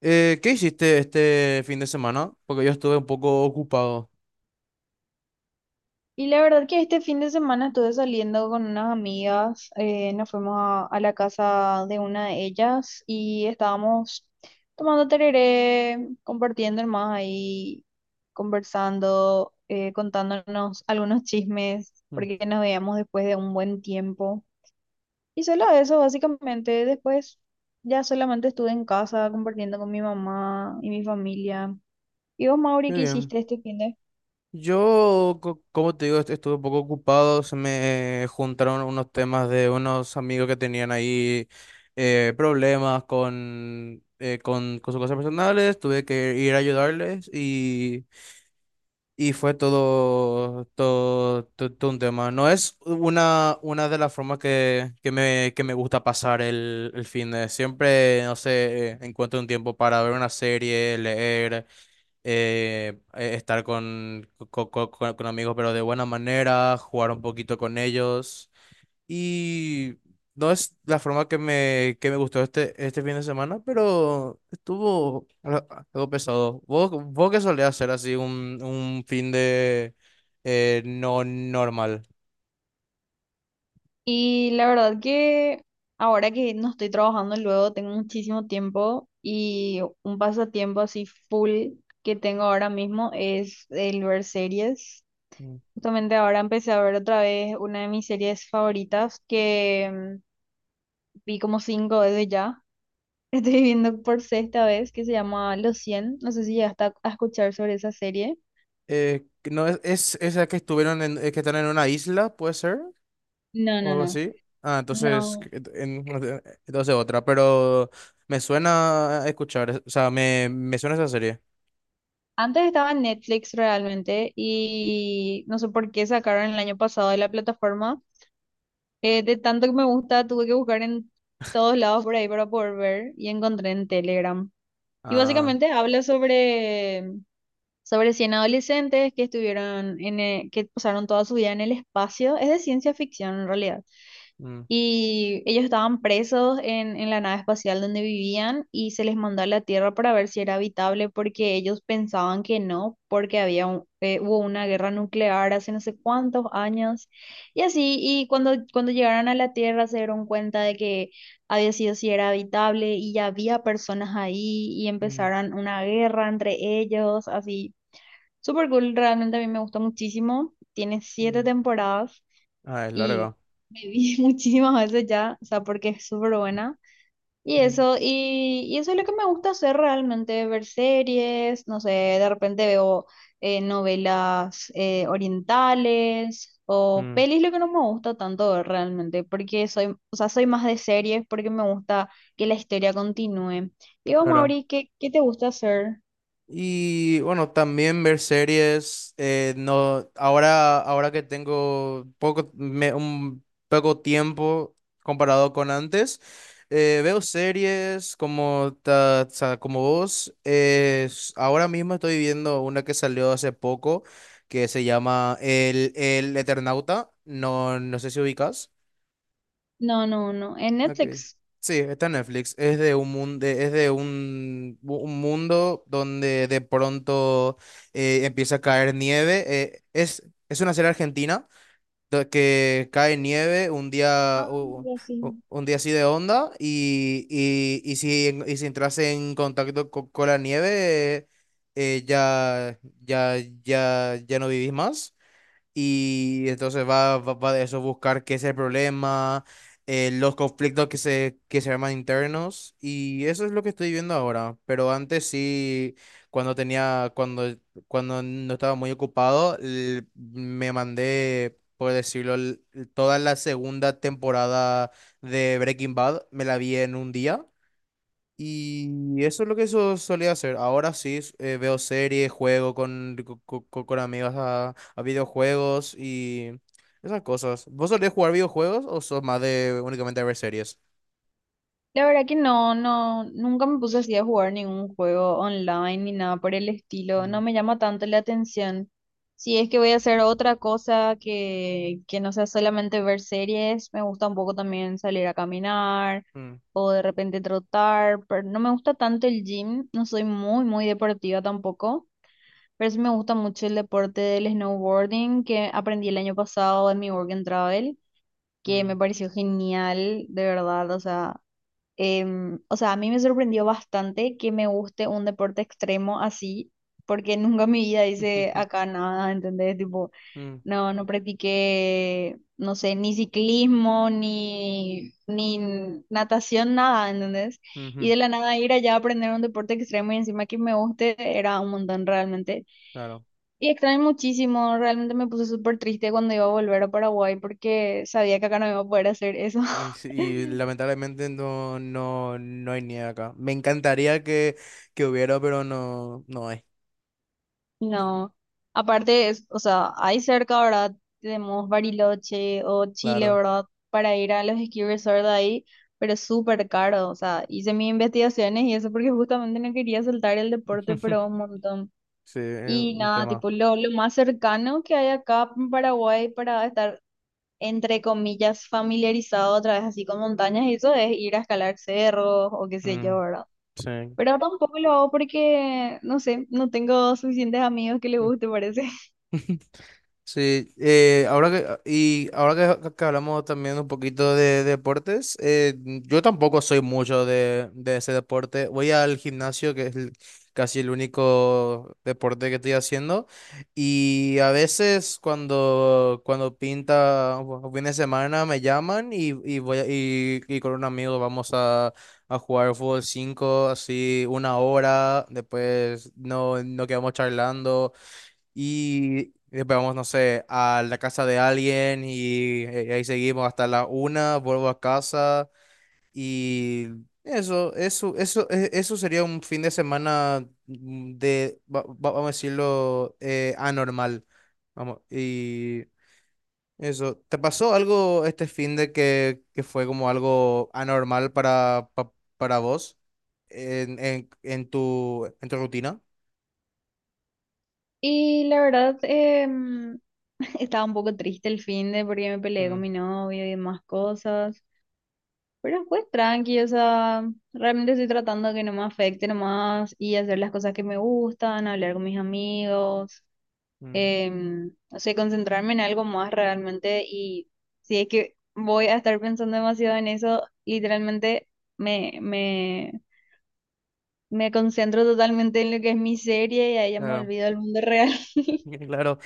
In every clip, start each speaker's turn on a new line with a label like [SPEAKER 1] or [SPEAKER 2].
[SPEAKER 1] ¿Qué hiciste este fin de semana? Porque yo estuve un poco ocupado.
[SPEAKER 2] Y la verdad que este fin de semana estuve saliendo con unas amigas, nos fuimos a la casa de una de ellas y estábamos tomando tereré, compartiendo más ahí, conversando, contándonos algunos chismes,
[SPEAKER 1] Mm,
[SPEAKER 2] porque nos veíamos después de un buen tiempo. Y solo eso, básicamente, después ya solamente estuve en casa compartiendo con mi mamá y mi familia. ¿Y vos, Mauri,
[SPEAKER 1] Qué
[SPEAKER 2] qué
[SPEAKER 1] bien.
[SPEAKER 2] hiciste este fin de?
[SPEAKER 1] Como te digo, estuve un poco ocupado. Se me juntaron unos temas de unos amigos que tenían ahí problemas con sus cosas personales. Tuve que ir a ayudarles. Y fue todo un tema. No es una de las formas que me gusta pasar el fin de. Siempre, no sé, encuentro un tiempo para ver una serie, leer, estar con, co- co- co- con amigos, pero de buena manera, jugar un poquito con ellos. Y no es la forma que me gustó este fin de semana, pero estuvo algo pesado. Vos qué solés hacer así un fin de no normal?
[SPEAKER 2] Y la verdad que ahora que no estoy trabajando luego, tengo muchísimo tiempo y un pasatiempo así full que tengo ahora mismo es el ver series.
[SPEAKER 1] Mm.
[SPEAKER 2] Justamente ahora empecé a ver otra vez una de mis series favoritas que mm, vi como cinco veces ya. Estoy viendo por sexta vez que se llama Los 100. No sé si ya está a escuchar sobre esa serie.
[SPEAKER 1] Que no es, es esa que que están en una isla, puede ser,
[SPEAKER 2] No,
[SPEAKER 1] o
[SPEAKER 2] no,
[SPEAKER 1] algo
[SPEAKER 2] no.
[SPEAKER 1] así. Ah, entonces,
[SPEAKER 2] No,
[SPEAKER 1] entonces otra, pero me suena a escuchar, o sea, me suena esa serie.
[SPEAKER 2] antes estaba en Netflix realmente y no sé por qué sacaron el año pasado de la plataforma. De tanto que me gusta, tuve que buscar en todos lados por ahí para poder ver y encontré en Telegram. Y
[SPEAKER 1] Ah,
[SPEAKER 2] básicamente habla sobre 100 adolescentes que estuvieron que pasaron toda su vida en el espacio. Es de ciencia ficción en realidad.
[SPEAKER 1] mm,
[SPEAKER 2] Y ellos estaban presos en la nave espacial donde vivían y se les mandó a la Tierra para ver si era habitable porque ellos pensaban que no, porque hubo una guerra nuclear hace no sé cuántos años y así. Y cuando llegaron a la Tierra se dieron cuenta de que había sido si era habitable y ya había personas ahí y
[SPEAKER 1] mm,
[SPEAKER 2] empezaron una guerra entre ellos, así. Super cool, realmente a mí me gustó muchísimo. Tiene siete
[SPEAKER 1] mm.
[SPEAKER 2] temporadas.
[SPEAKER 1] Ah, es
[SPEAKER 2] Y
[SPEAKER 1] larga.
[SPEAKER 2] me vi muchísimas veces ya, o sea, porque es súper buena. Y eso, y eso es lo que me gusta hacer realmente, ver series, no sé, de repente veo novelas orientales o
[SPEAKER 1] Mm,
[SPEAKER 2] pelis, lo que no me gusta tanto ver realmente, porque soy, o sea, soy más de series porque me gusta que la historia continúe. Digo,
[SPEAKER 1] claro.
[SPEAKER 2] Mauri, ¿qué te gusta hacer?
[SPEAKER 1] Y bueno, también ver series. No, ahora, Ahora que tengo poco, un poco tiempo comparado con antes, veo series o sea, como vos. Ahora mismo estoy viendo una que salió hace poco que se llama El Eternauta. No, no sé si ubicas.
[SPEAKER 2] No, no, no, en
[SPEAKER 1] Ok.
[SPEAKER 2] Netflix.
[SPEAKER 1] Sí, está en Netflix. Es de un mundo, es de un mundo donde de pronto empieza a caer nieve. Es una serie argentina que cae nieve un día,
[SPEAKER 2] Ah, ya sí.
[SPEAKER 1] un día así de onda. Y, y, y si entras en contacto con la nieve, eh, ya, ya, ya no vivís más. Y entonces va de eso, buscar qué es el problema, los conflictos que se arman internos, y eso es lo que estoy viendo ahora. Pero antes sí, cuando tenía, cuando, cuando no estaba muy ocupado, me mandé, por decirlo, toda la segunda temporada de Breaking Bad, me la vi en un día. Y eso es lo que eso solía hacer. Ahora sí, veo series, juego con, co- co- co- con, amigos a videojuegos y esas cosas. ¿Vos solés jugar videojuegos o sos más de únicamente ver series?
[SPEAKER 2] La verdad que no, no, nunca me puse así a jugar ningún juego online ni nada por el estilo.
[SPEAKER 1] Mm,
[SPEAKER 2] No me llama tanto la atención. Si es que voy a hacer otra cosa que no sea solamente ver series, me gusta un poco también salir a caminar
[SPEAKER 1] mm,
[SPEAKER 2] o de repente trotar, pero no me gusta tanto el gym, no soy muy, muy deportiva tampoco, pero sí me gusta mucho el deporte del snowboarding que aprendí el año pasado en mi Work and Travel, que me
[SPEAKER 1] mm.
[SPEAKER 2] pareció genial, de verdad, o sea. O sea, a mí me sorprendió bastante que me guste un deporte extremo así, porque nunca en mi vida hice acá nada, ¿entendés? Tipo,
[SPEAKER 1] Mm,
[SPEAKER 2] no, no practiqué, no sé, ni ciclismo, ni natación, nada, ¿entendés? Y
[SPEAKER 1] ujú,
[SPEAKER 2] de la nada ir allá a aprender un deporte extremo y encima que me guste era un montón realmente.
[SPEAKER 1] claro.
[SPEAKER 2] Y extraño muchísimo, realmente me puse súper triste cuando iba a volver a Paraguay porque sabía que acá no iba a poder hacer eso.
[SPEAKER 1] Y lamentablemente no hay ni acá. Me encantaría que hubiera, pero no, no hay.
[SPEAKER 2] No, aparte, es, o sea, hay cerca, ¿verdad? Tenemos Bariloche o Chile,
[SPEAKER 1] Claro.
[SPEAKER 2] ¿verdad? Para ir a los ski resorts de ahí, pero es súper caro, o sea, hice mis investigaciones y eso porque justamente no quería saltar el deporte, pero un montón.
[SPEAKER 1] Sí, es
[SPEAKER 2] Y
[SPEAKER 1] un
[SPEAKER 2] nada,
[SPEAKER 1] tema.
[SPEAKER 2] tipo, lo más cercano que hay acá en Paraguay para estar, entre comillas, familiarizado otra vez así con montañas y eso es ir a escalar cerros o qué sé yo,
[SPEAKER 1] Mm,
[SPEAKER 2] ¿verdad?
[SPEAKER 1] sí.
[SPEAKER 2] Pero tampoco lo hago porque, no sé, no tengo suficientes amigos que les guste, parece.
[SPEAKER 1] Sí. Y ahora que hablamos también un poquito de deportes, yo tampoco soy mucho de ese deporte. Voy al gimnasio, que es casi el único deporte que estoy haciendo, y a veces cuando pinta o fin de semana me llaman y y con un amigo vamos a jugar fútbol 5 así una hora, después no, no quedamos charlando. Y después vamos, no sé, a la casa de alguien y ahí seguimos hasta la una, vuelvo a casa. Y eso sería un fin de semana, mm, vamos a decirlo, anormal. Vamos. Y eso, ¿te pasó algo este fin de que fue como algo anormal para, para vos en tu rutina?
[SPEAKER 2] Y la verdad, estaba un poco triste el fin de porque me peleé con
[SPEAKER 1] Mm,
[SPEAKER 2] mi novio y demás cosas. Pero después tranqui, o sea, realmente estoy tratando de que no me afecte nomás y hacer las cosas que me gustan, hablar con mis amigos,
[SPEAKER 1] mm,
[SPEAKER 2] no sé, concentrarme en algo más realmente. Y si es que voy a estar pensando demasiado en eso, literalmente me, me, me concentro totalmente en lo que es mi serie y ahí ya me
[SPEAKER 1] claro.
[SPEAKER 2] olvido del mundo real.
[SPEAKER 1] Claro.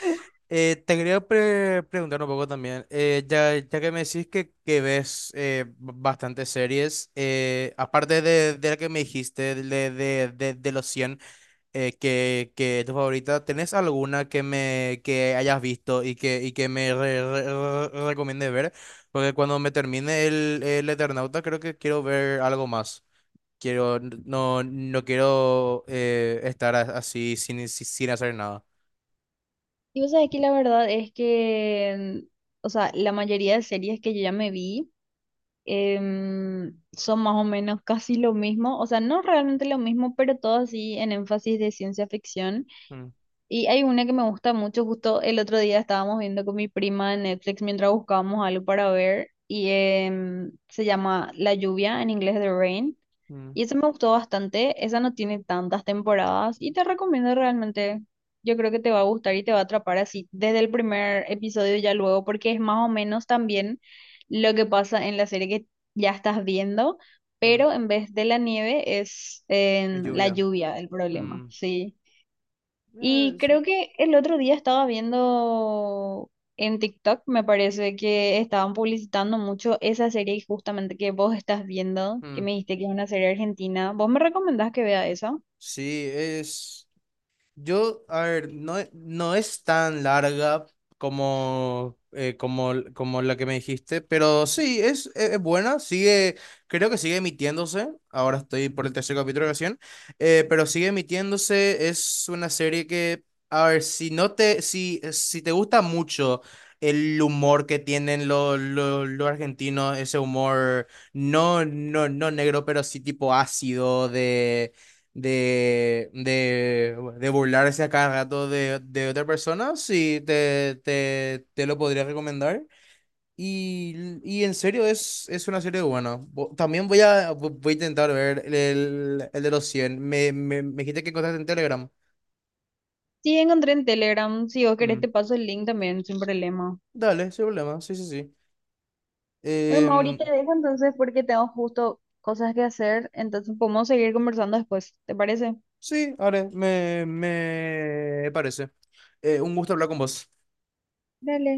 [SPEAKER 1] Te quería preguntar un poco también, ya que me decís que ves, bastantes series, aparte de de la que me dijiste, de los cien, que es tu favorita, ¿tenés alguna que, me, que hayas visto y que me recomiendes ver? Porque cuando me termine el Eternauta creo que quiero ver algo más. Quiero, no, no quiero, estar así sin, sin sin hacer nada.
[SPEAKER 2] Y vos sabés que la verdad es que, o sea, la mayoría de series que yo ya me vi son más o menos casi lo mismo, o sea, no realmente lo mismo, pero todo así en énfasis de ciencia ficción.
[SPEAKER 1] Mm,
[SPEAKER 2] Y hay una que me gusta mucho, justo el otro día estábamos viendo con mi prima en Netflix mientras buscábamos algo para ver, y se llama La lluvia, en inglés The Rain.
[SPEAKER 1] mm,
[SPEAKER 2] Y esa me gustó bastante, esa no tiene tantas temporadas y te recomiendo realmente, yo creo que te va a gustar y te va a atrapar así desde el primer episodio ya luego, porque es más o menos también lo que pasa en la serie que ya estás viendo,
[SPEAKER 1] mm.
[SPEAKER 2] pero en vez de la nieve es
[SPEAKER 1] Es
[SPEAKER 2] en la
[SPEAKER 1] lluvia.
[SPEAKER 2] lluvia el problema,
[SPEAKER 1] Mm.
[SPEAKER 2] sí. Y creo
[SPEAKER 1] Sí.
[SPEAKER 2] que el otro día estaba viendo en TikTok, me parece que estaban publicitando mucho esa serie justamente que vos estás viendo, que
[SPEAKER 1] Mm.
[SPEAKER 2] me dijiste que es una serie argentina. ¿Vos me recomendás que vea esa?
[SPEAKER 1] Sí, es. Yo, a ver, no, no es tan larga como, como, como la que me dijiste, pero sí, es buena, sigue, creo que sigue emitiéndose, ahora estoy por el tercer capítulo recién, pero sigue emitiéndose, es una serie que, a ver, si no te, si, si te gusta mucho el humor que tienen los argentinos, ese humor no negro, pero sí tipo ácido de burlarse a cada rato de otra persona, sí, te lo podría recomendar. Y, y en serio, es una serie buena. También voy a intentar ver el de los cien. Me dijiste que encontraste en Telegram.
[SPEAKER 2] Sí, encontré en Telegram. Si vos querés
[SPEAKER 1] Mm.
[SPEAKER 2] te paso el link también, sin problema.
[SPEAKER 1] Dale, sin problema. Sí, sí, sí.
[SPEAKER 2] Bueno, Mauri,
[SPEAKER 1] Em,
[SPEAKER 2] te dejo entonces porque tengo justo cosas que hacer, entonces podemos seguir conversando después, ¿te parece?
[SPEAKER 1] sí, haré. Me parece. Un gusto hablar con vos.
[SPEAKER 2] Dale.